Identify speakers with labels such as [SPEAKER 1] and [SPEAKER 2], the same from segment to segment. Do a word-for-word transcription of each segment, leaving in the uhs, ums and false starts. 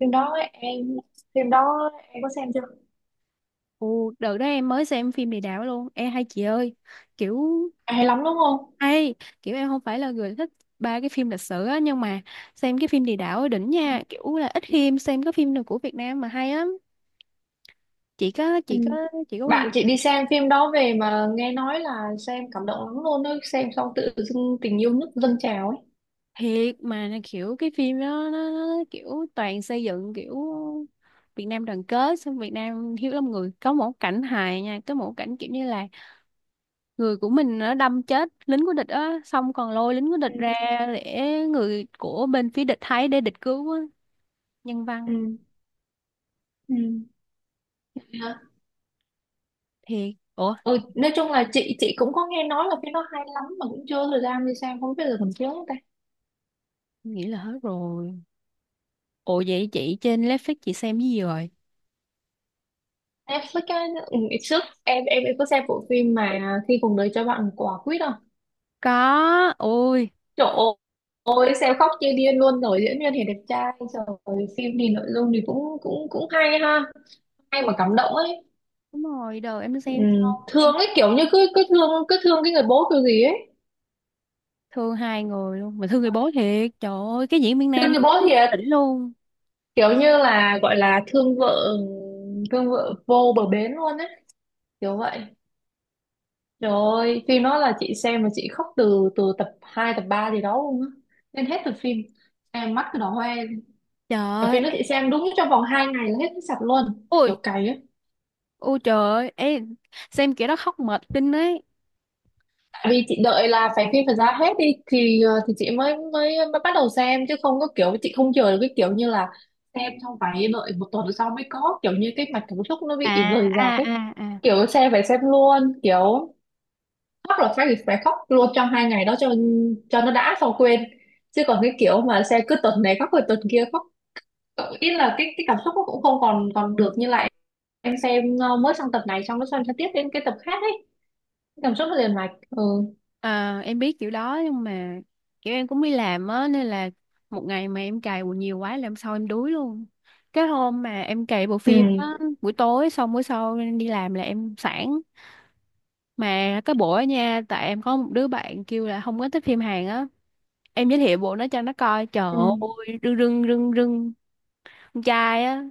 [SPEAKER 1] phim đó em phim đó em có xem chưa?
[SPEAKER 2] Ồ, đợt đó em mới xem phim Địa Đạo luôn. Em hay chị ơi, kiểu
[SPEAKER 1] À, hay
[SPEAKER 2] em
[SPEAKER 1] lắm đúng không?
[SPEAKER 2] hay, kiểu em không phải là người thích ba cái phim lịch sử á, nhưng mà xem cái phim Địa Đạo ở đỉnh nha, kiểu là ít khi xem cái phim nào của Việt Nam mà hay lắm. Chị có
[SPEAKER 1] Ừ.
[SPEAKER 2] chị có chị có quan
[SPEAKER 1] Bạn chị
[SPEAKER 2] tâm
[SPEAKER 1] đi xem phim đó về mà nghe nói là xem cảm động lắm luôn ấy, xem xong tự dưng tình yêu nước dâng trào ấy.
[SPEAKER 2] thiệt mà. Là kiểu cái phim đó nó, nó kiểu toàn xây dựng kiểu Việt Nam đoàn kết, xong Việt Nam hiếu lắm người. Có một cảnh hài nha, có một cảnh kiểu như là người của mình nó đâm chết lính của địch á, xong còn lôi lính của địch
[SPEAKER 1] Ừ.
[SPEAKER 2] ra để người của bên phía địch thấy, để địch cứu á. Nhân văn
[SPEAKER 1] Ừ. Ừ. Hả?
[SPEAKER 2] thiệt. Ủa,
[SPEAKER 1] Ừ. Nói chung là chị chị cũng có nghe nói là phim đó hay lắm mà cũng chưa có thời gian đi xem, không biết giờ còn chiếu không ta.
[SPEAKER 2] nghĩ là hết rồi. Ủa vậy chị trên Netflix chị xem cái gì rồi?
[SPEAKER 1] Netflix á, ừ, ngày trước em em em có xem bộ phim mà khi cùng đời cho bạn một quả quýt không.
[SPEAKER 2] Có ôi.
[SPEAKER 1] Trời ơi, xem khóc như điên luôn rồi, diễn viên thì đẹp trai, trời ơi, phim thì nội dung thì cũng cũng cũng hay ha, hay mà cảm động ấy.
[SPEAKER 2] Đúng rồi, đầu em
[SPEAKER 1] Ừ.
[SPEAKER 2] xem xong em
[SPEAKER 1] Thương ấy, kiểu như cứ cứ thương cứ thương cái người bố kiểu gì ấy.
[SPEAKER 2] thương hai người luôn mà, thương người bố thiệt, trời ơi, cái diễn viên
[SPEAKER 1] Thương
[SPEAKER 2] nam
[SPEAKER 1] người bố thiệt,
[SPEAKER 2] đỉnh luôn.
[SPEAKER 1] kiểu như là gọi là thương vợ thương vợ vô bờ bến luôn ấy, kiểu vậy. Trời ơi, phim đó là chị xem mà chị khóc từ từ tập hai tập ba gì đó luôn á. Nên hết tập phim. Em mắt cứ đỏ hoe.
[SPEAKER 2] Trời
[SPEAKER 1] Và phim
[SPEAKER 2] ơi,
[SPEAKER 1] đó chị xem đúng trong vòng hai ngày là hết sạch luôn, kiểu
[SPEAKER 2] ôi
[SPEAKER 1] cày á.
[SPEAKER 2] ôi trời ơi. Ê, xem kiểu đó khóc mệt kinh ấy.
[SPEAKER 1] Vì chị đợi là phải phim phải ra hết đi, thì ờ, thì chị mới mới mới bắt đầu xem chứ không có kiểu chị không chờ được, cái kiểu như là xem xong phải đợi một tuần sau mới có, kiểu như cái mạch cảm xúc nó
[SPEAKER 2] À
[SPEAKER 1] bị rời
[SPEAKER 2] à
[SPEAKER 1] rạc ấy.
[SPEAKER 2] à à.
[SPEAKER 1] Kiểu xem phải xem luôn, kiểu khóc là phải phải khóc luôn trong hai ngày đó, cho cho nó đã xong quên, chứ còn cái kiểu mà xem cứ tuần này khóc rồi tuần kia khóc, ờ, ý là cái cái cảm xúc nó cũng không còn còn được như lại. Em xem ờ, mới sang tập này xong nó xem sang tiếp đến cái tập khác ấy, cảm xúc nó liền mạch. Ừ.
[SPEAKER 2] Ờ, em biết kiểu đó nhưng mà kiểu em cũng đi làm á, nên là một ngày mà em cày quần nhiều quá làm sao, em đuối luôn. Cái hôm mà em cày bộ phim á, buổi tối xong buổi sau em đi làm là em sẵn. Mà cái bộ á nha, tại em có một đứa bạn kêu là không có thích phim Hàn á, em giới thiệu bộ nó cho nó coi, trời
[SPEAKER 1] Ừ.
[SPEAKER 2] ơi, rưng rưng rưng rưng. Con trai á,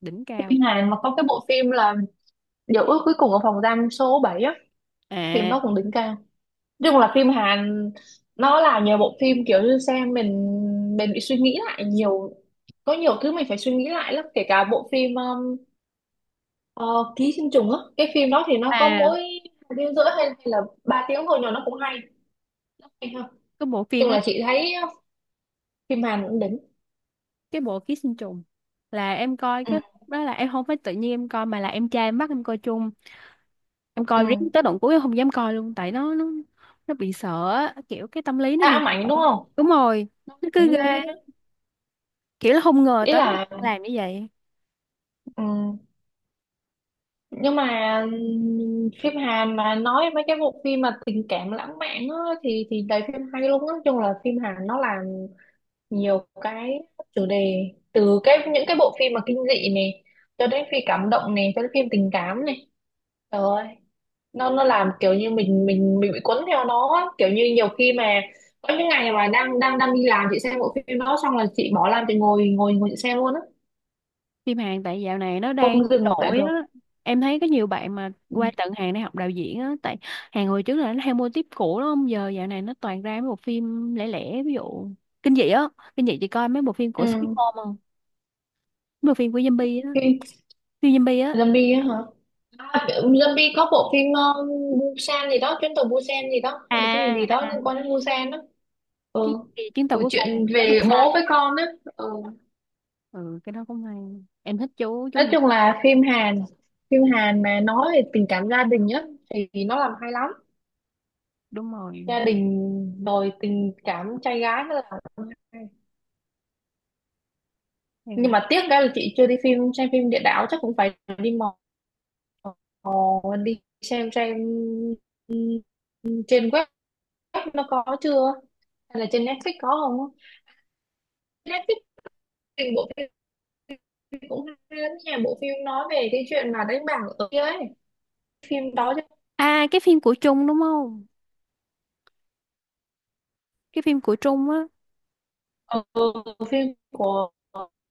[SPEAKER 2] đỉnh cao.
[SPEAKER 1] Phim Hàn mà có cái bộ phim là Dấu ước cuối cùng ở phòng giam số bảy á, phim
[SPEAKER 2] À
[SPEAKER 1] đó cũng đỉnh cao. Nói chung là phim Hàn, nó là nhờ bộ phim kiểu như xem mình mình bị suy nghĩ lại nhiều, có nhiều thứ mình phải suy nghĩ lại lắm, kể cả bộ phim um, ờ, Ký sinh trùng á, cái phim đó thì nó có
[SPEAKER 2] à.
[SPEAKER 1] mỗi hai tiếng rưỡi, hay, hay là ba tiếng thôi, nhưng mà nó cũng hay, hay hơn. Nói
[SPEAKER 2] Cái bộ phim
[SPEAKER 1] chung
[SPEAKER 2] á,
[SPEAKER 1] là chị thấy uh, phim Hàn cũng đỉnh.
[SPEAKER 2] cái bộ ký sinh trùng là em coi
[SPEAKER 1] Ừ,
[SPEAKER 2] cái đó, là em không phải tự nhiên em coi mà là em trai em bắt em coi chung. Em coi riết
[SPEAKER 1] ừ.
[SPEAKER 2] tới đoạn cuối em không dám coi luôn, tại nó nó nó bị sợ á, kiểu cái tâm lý nó bị
[SPEAKER 1] À,
[SPEAKER 2] sợ.
[SPEAKER 1] Mạnh đúng không?
[SPEAKER 2] Đúng rồi, nó cứ
[SPEAKER 1] Mạnh
[SPEAKER 2] ghê,
[SPEAKER 1] luôn đó.
[SPEAKER 2] kiểu là không ngờ
[SPEAKER 1] Ý
[SPEAKER 2] tới người
[SPEAKER 1] là
[SPEAKER 2] ta làm như vậy.
[SPEAKER 1] ừ. Nhưng mà ừm, phim Hàn mà nói mấy cái bộ phim mà tình cảm lãng mạn á, thì thì đầy phim hay luôn á. Nói chung là phim Hàn nó làm nhiều cái chủ đề, từ cái những cái bộ phim mà kinh dị này cho đến phim cảm động này cho đến phim tình cảm này, trời ơi, nó nó làm kiểu như mình mình mình bị cuốn theo nó á. Kiểu như nhiều khi mà có những ngày mà đang đang đang đi làm chị xem bộ phim đó xong là chị bỏ làm, chị ngồi ngồi ngồi chị xem luôn á,
[SPEAKER 2] Phim Hàn tại dạo này nó đang
[SPEAKER 1] không dừng lại
[SPEAKER 2] nổi
[SPEAKER 1] được.
[SPEAKER 2] á, em thấy có nhiều bạn mà
[SPEAKER 1] Ừ.
[SPEAKER 2] qua tận Hàn để học đạo diễn á. Tại Hàn hồi trước là nó theo mô típ cũ đúng không, giờ dạo này nó toàn ra mấy bộ phim lẻ lẻ, ví dụ kinh dị á. Kinh dị chị coi mấy bộ phim của Sweet
[SPEAKER 1] Ừ.
[SPEAKER 2] Home không? Mấy bộ phim của zombie á,
[SPEAKER 1] Phim
[SPEAKER 2] phim zombie á.
[SPEAKER 1] zombie á hả? À, zombie có bộ phim ờ, Busan gì đó, chuyến tàu Busan gì đó, hay là cái gì gì
[SPEAKER 2] À
[SPEAKER 1] đó
[SPEAKER 2] à,
[SPEAKER 1] liên quan đến Busan đó.
[SPEAKER 2] cái,
[SPEAKER 1] Ừ.
[SPEAKER 2] cái chuyến tàu
[SPEAKER 1] Ừ,
[SPEAKER 2] cuối cùng
[SPEAKER 1] chuyện
[SPEAKER 2] tới.
[SPEAKER 1] về bố với con á. Ừ.
[SPEAKER 2] Ừ, cái đó cũng hay. Em thích chú chú
[SPEAKER 1] Nói
[SPEAKER 2] Việt.
[SPEAKER 1] chung là phim Hàn, phim Hàn, mà nói về tình cảm gia đình á thì nó làm hay lắm.
[SPEAKER 2] Đúng rồi
[SPEAKER 1] Gia đình rồi tình cảm trai gái nó làm hay. Nhưng
[SPEAKER 2] em.
[SPEAKER 1] mà tiếc cái là chị chưa đi phim xem phim Địa Đạo, chắc cũng phải đi mò mò đi xem xem, ừ, trên web nó có chưa hay là trên Netflix có không á. Netflix phim bộ phim cũng hay lắm nha, bộ phim nói về cái chuyện mà đánh bạc ở kia ấy, phim đó chứ.
[SPEAKER 2] À cái phim của Trung đúng không? Cái phim của Trung á.
[SPEAKER 1] ờ, phim của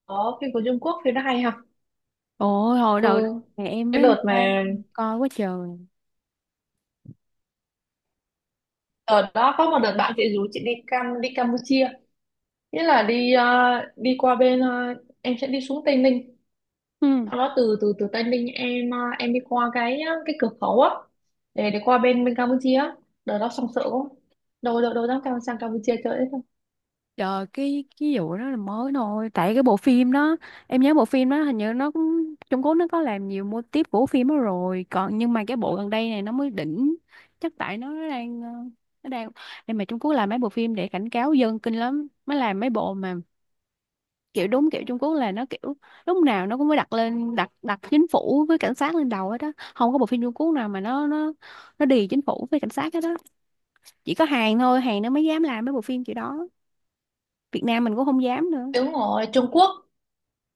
[SPEAKER 1] Có phim của Trung Quốc, phim nó hay ha.
[SPEAKER 2] Ôi hồi
[SPEAKER 1] Ừ,
[SPEAKER 2] đầu đó thì em với
[SPEAKER 1] cái
[SPEAKER 2] em
[SPEAKER 1] đợt
[SPEAKER 2] Sam
[SPEAKER 1] mà
[SPEAKER 2] coi quá trời.
[SPEAKER 1] đợt đó có một đợt bạn chị rủ chị đi Cam đi Campuchia, nghĩa là đi ờ, đi qua bên, ờ, em sẽ đi xuống Tây Ninh,
[SPEAKER 2] Ừ.
[SPEAKER 1] sau đó từ từ từ Tây Ninh em ờ, em đi qua cái ờ, cái cửa khẩu á để để qua bên bên Campuchia á. Đợt đó xong sợ quá, đâu đâu đâu dám cam sang Campuchia chơi hết đâu.
[SPEAKER 2] Trời, cái cái vụ đó là mới thôi, tại cái bộ phim đó em nhớ bộ phim đó hình như nó cũng Trung Quốc, nó có làm nhiều mô típ của phim đó rồi còn, nhưng mà cái bộ gần đây này nó mới đỉnh. Chắc tại nó đang, ờ, nó đang, nhưng mà Trung Quốc làm mấy bộ phim để cảnh cáo dân kinh lắm mới làm mấy bộ mà, kiểu đúng kiểu Trung Quốc là nó kiểu lúc nào nó cũng phải đặt lên đặt đặt chính phủ với cảnh sát lên đầu hết đó. Không có bộ phim Trung Quốc nào mà nó nó nó đì chính phủ với cảnh sát hết đó. Chỉ có Hàn thôi, Hàn nó mới dám làm mấy bộ phim kiểu đó. Việt Nam mình cũng không dám nữa.
[SPEAKER 1] Đúng rồi, Trung Quốc.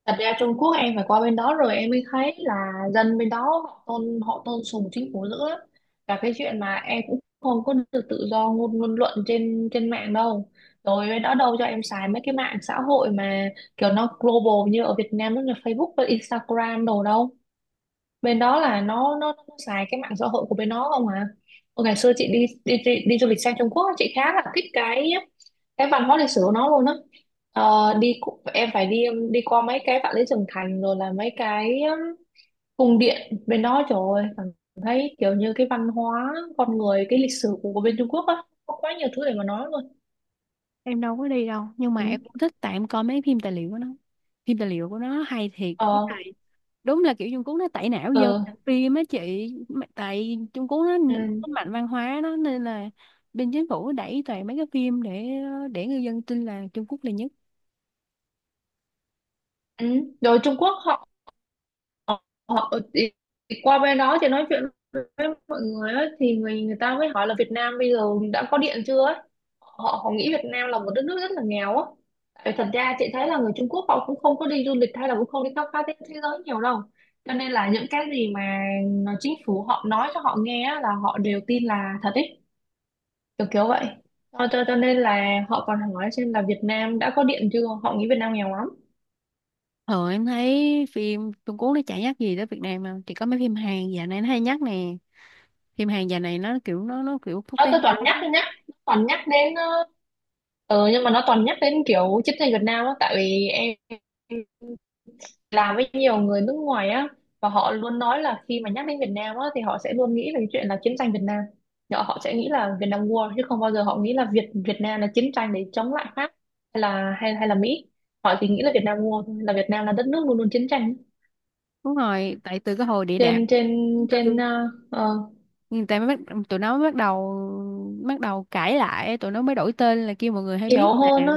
[SPEAKER 1] Thật ra Trung Quốc em phải qua bên đó rồi em mới thấy là dân bên đó, họ tôn họ tôn sùng chính phủ dữ lắm. Và cái chuyện mà em cũng không có được tự do ngôn ngôn luận trên trên mạng đâu. Rồi bên đó đâu cho em xài mấy cái mạng xã hội mà kiểu nó global như ở Việt Nam, nó là Facebook và Instagram đồ đâu, bên đó là nó nó, nó xài cái mạng xã hội của bên nó không à. Ôi, ngày xưa chị đi đi đi, đi du lịch sang Trung Quốc á, chị khá là thích cái cái văn hóa lịch sử của nó luôn á. Ờ, đi cu- em phải đi um, đi qua mấy cái Vạn Lý Trường Thành rồi là mấy cái um, cung điện bên đó, trời ơi, cảm thấy kiểu như cái văn hóa con người, cái lịch sử của, của bên Trung Quốc á, có quá nhiều thứ để mà nói luôn.
[SPEAKER 2] Em đâu có đi đâu nhưng mà
[SPEAKER 1] Ừ.
[SPEAKER 2] em cũng thích, tại em coi mấy phim tài liệu của nó. Phim tài liệu của nó hay thiệt, với
[SPEAKER 1] Ờ.
[SPEAKER 2] lại đúng là kiểu Trung Quốc nó tẩy não dân
[SPEAKER 1] Ừ.
[SPEAKER 2] làm phim á chị. Mà tại Trung Quốc nó, nó
[SPEAKER 1] Ừ.
[SPEAKER 2] mạnh văn hóa nó nên là bên chính phủ đẩy toàn mấy cái phim để để người dân tin là Trung Quốc là nhất.
[SPEAKER 1] Ừ. Rồi Trung Quốc họ, ờ, ờ, ờ, thì qua bên đó thì nói chuyện với mọi người ấy, thì người người ta mới hỏi là Việt Nam bây giờ đã có điện chưa ấy. Họ họ nghĩ Việt Nam là một đất nước rất là nghèo á. Tại thật ra chị thấy là người Trung Quốc họ cũng không có đi du lịch hay là cũng không đi khám phá thế, thế giới nhiều đâu. Cho nên là những cái gì mà chính phủ họ nói cho họ nghe á, là họ đều tin là thật ấy, kiểu kiểu vậy. Cho, cho, cho nên là họ còn hỏi xem là Việt Nam đã có điện chưa, họ nghĩ Việt Nam nghèo lắm.
[SPEAKER 2] Ờ em thấy phim Trung Quốc nó chả nhắc gì tới Việt Nam mà chỉ có mấy phim Hàn dạo này nó hay nhắc nè. Phim Hàn dạo này nó kiểu nó nó kiểu quốc
[SPEAKER 1] Ờ,
[SPEAKER 2] tế
[SPEAKER 1] tôi toàn
[SPEAKER 2] hóa.
[SPEAKER 1] nhắc, tôi nhắc toàn nhắc đến ờ, ờ nhưng mà nó toàn nhắc đến kiểu chiến tranh Việt Nam á, tại vì em làm với nhiều người nước ngoài á, và họ luôn nói là khi mà nhắc đến Việt Nam á thì họ sẽ luôn nghĩ về cái chuyện là chiến tranh Việt Nam. Họ họ sẽ nghĩ là Việt Nam War chứ không bao giờ họ nghĩ là Việt Việt Nam là chiến tranh để chống lại Pháp hay là hay hay là Mỹ, họ chỉ nghĩ là Việt Nam War thôi, là Việt Nam là đất nước luôn luôn chiến tranh.
[SPEAKER 2] Đúng rồi, tại từ cái hồi địa
[SPEAKER 1] Trên
[SPEAKER 2] đạm
[SPEAKER 1] trên
[SPEAKER 2] tháng
[SPEAKER 1] trên
[SPEAKER 2] tư
[SPEAKER 1] ờ, ờ,
[SPEAKER 2] người ta mới bắt, tụi nó mới bắt đầu bắt đầu cãi lại, tụi nó mới đổi tên là kêu mọi người hay biết
[SPEAKER 1] hiểu
[SPEAKER 2] nè.
[SPEAKER 1] hơn á.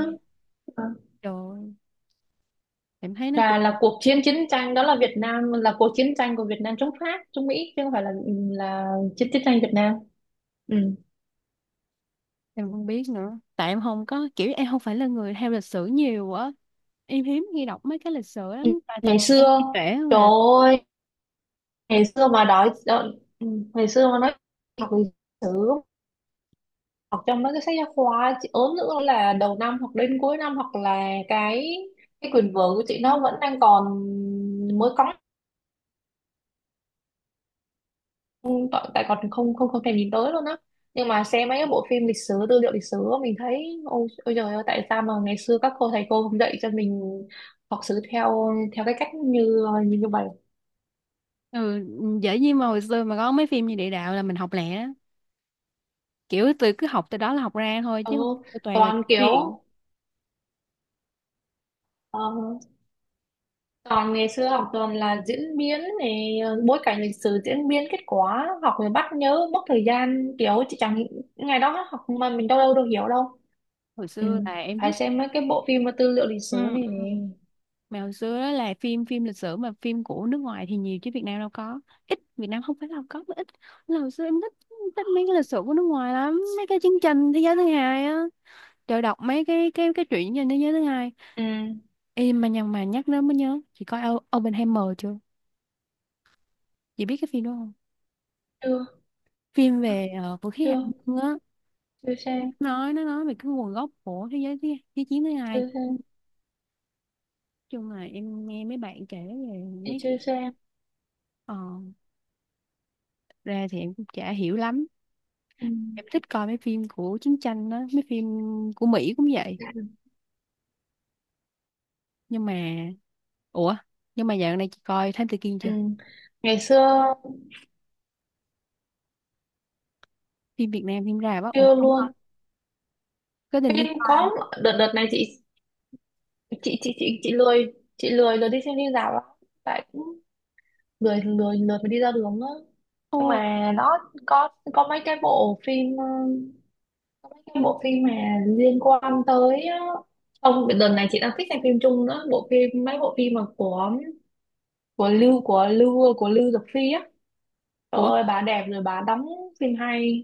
[SPEAKER 1] Ờ.
[SPEAKER 2] Trời ơi, em thấy nó cũng.
[SPEAKER 1] Là, là cuộc chiến chiến tranh đó, là Việt Nam, là cuộc chiến tranh của Việt Nam chống Pháp chống Mỹ chứ không phải là là chiến chiến tranh Việt Nam. Ừ.
[SPEAKER 2] Em không biết nữa, tại em không có kiểu, em không phải là người theo lịch sử nhiều á, em hiếm khi đọc mấy cái lịch sử lắm,
[SPEAKER 1] Ừ.
[SPEAKER 2] tại
[SPEAKER 1] Ngày
[SPEAKER 2] toàn là em
[SPEAKER 1] xưa,
[SPEAKER 2] thấy trẻ
[SPEAKER 1] trời
[SPEAKER 2] mà.
[SPEAKER 1] ơi, ngày xưa mà đói đói- ừ, ngày xưa mà nói học lịch sử, học trong mấy cái sách giáo khoa chị ốm nữa, là đầu năm hoặc đến cuối năm hoặc là cái cái quyền vở của chị nó vẫn đang còn mới cóng, không, tại tại còn không không không thèm nhìn tới luôn á. Nhưng mà xem mấy cái bộ phim lịch sử, tư liệu lịch sử á, mình thấy ôi, ôi trời ơi, tại sao mà ngày xưa các cô, thầy cô không dạy cho mình học sử theo theo cái cách như như như vậy.
[SPEAKER 2] Ừ, dễ gì mà hồi xưa mà có mấy phim như địa đạo là mình học lẹ á, kiểu tôi cứ học từ đó là học ra thôi chứ,
[SPEAKER 1] Ừ,
[SPEAKER 2] tôi toàn là
[SPEAKER 1] toàn kiểu
[SPEAKER 2] chuyện.
[SPEAKER 1] ờ, toàn ngày xưa học toàn là diễn biến này, ờ, bối cảnh lịch sử, diễn biến, kết quả, học rồi bắt nhớ mất thời gian, kiểu chị chẳng, ngày đó học mà mình đâu đâu đâu hiểu đâu.
[SPEAKER 2] Hồi
[SPEAKER 1] Ừ,
[SPEAKER 2] xưa là em
[SPEAKER 1] phải
[SPEAKER 2] thích.
[SPEAKER 1] xem mấy cái bộ phim mà tư liệu lịch sử
[SPEAKER 2] Ừ,
[SPEAKER 1] này.
[SPEAKER 2] ừ. Mà hồi xưa đó là phim phim lịch sử, mà phim của nước ngoài thì nhiều chứ Việt Nam đâu có, ít, Việt Nam không phải là có mà ít. Là hồi xưa em thích thích mấy cái lịch sử của nước ngoài lắm, mấy cái chương trình thế giới thứ hai á. Trời, đọc mấy cái cái cái truyện trên thế giới thứ hai.
[SPEAKER 1] Ừ.
[SPEAKER 2] Ê, mà nhằn mà nhắc đến mới nhớ, chị coi O- Oppenheimer chưa? Chị biết cái phim đó không?
[SPEAKER 1] chưa
[SPEAKER 2] Phim về ờ, vũ khí hạt
[SPEAKER 1] chưa
[SPEAKER 2] nhân á,
[SPEAKER 1] chưa xem,
[SPEAKER 2] nói nó nói về cái nguồn gốc của thế giới thứ thế chiến thứ hai.
[SPEAKER 1] chưa xem
[SPEAKER 2] Chung là em nghe mấy bạn kể về
[SPEAKER 1] chị
[SPEAKER 2] mấy,
[SPEAKER 1] chưa xem,
[SPEAKER 2] ờ, ra thì em cũng chả hiểu lắm.
[SPEAKER 1] ừ.
[SPEAKER 2] Em thích coi mấy phim của chiến tranh đó, mấy phim của Mỹ cũng vậy. Nhưng mà ủa nhưng mà dạo này chị coi Thám Tử Kiên
[SPEAKER 1] Ừ.
[SPEAKER 2] chưa?
[SPEAKER 1] Ngày xưa,
[SPEAKER 2] Phim Việt Nam phim ra á, ủa
[SPEAKER 1] chưa
[SPEAKER 2] không coi?
[SPEAKER 1] luôn.
[SPEAKER 2] Có định đi
[SPEAKER 1] Phim
[SPEAKER 2] coi không?
[SPEAKER 1] có, đợt đợt này chị, chị chị chị chị lười chị lười lười đi xem phim rạp lắm, tại cũng lười lười lười mà đi ra đường á. Nhưng
[SPEAKER 2] Ôi,
[SPEAKER 1] mà nó có có mấy cái bộ phim ờ, có mấy cái bộ phim mà liên quan tới ờ, không, đợt này chị đang thích xem phim Trung nữa, bộ phim mấy bộ phim mà của của Lưu của Lưu của Lưu Dực Phi á, trời
[SPEAKER 2] ủa
[SPEAKER 1] ơi, bà đẹp rồi bà đóng phim hay.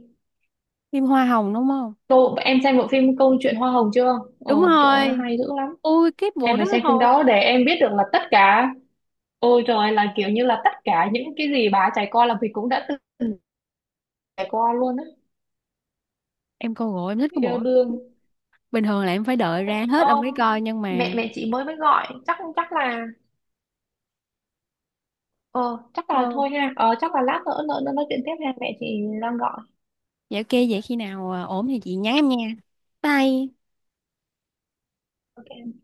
[SPEAKER 2] phim Hoa Hồng đúng không?
[SPEAKER 1] Cô em xem bộ phim Câu chuyện Hoa Hồng chưa?
[SPEAKER 2] Đúng
[SPEAKER 1] Ồ, chỗ nó
[SPEAKER 2] rồi,
[SPEAKER 1] hay dữ lắm.
[SPEAKER 2] ui cái
[SPEAKER 1] Em
[SPEAKER 2] bộ
[SPEAKER 1] phải
[SPEAKER 2] đó
[SPEAKER 1] xem phim
[SPEAKER 2] thôi,
[SPEAKER 1] đó để em biết được là tất cả, ôi trời, là kiểu như là tất cả những cái gì bà trải qua là mình cũng đã từng trải qua luôn á.
[SPEAKER 2] em coi rồi, em thích cái
[SPEAKER 1] Yêu
[SPEAKER 2] bộ.
[SPEAKER 1] đương.
[SPEAKER 2] Bình thường là em phải đợi
[SPEAKER 1] Ôi,
[SPEAKER 2] ra hết ông mới
[SPEAKER 1] ông,
[SPEAKER 2] coi nhưng
[SPEAKER 1] mẹ
[SPEAKER 2] mà.
[SPEAKER 1] mẹ chị mới mới gọi, chắc chắc là, ờ, chắc là
[SPEAKER 2] ờ
[SPEAKER 1] thôi ha, ờ, chắc là lát nữa nữa nữa nói chuyện tiếp ha, mẹ chị đang gọi.
[SPEAKER 2] dạ ok, vậy khi nào à, ổn thì chị nhắn em nha. Bye.
[SPEAKER 1] OK.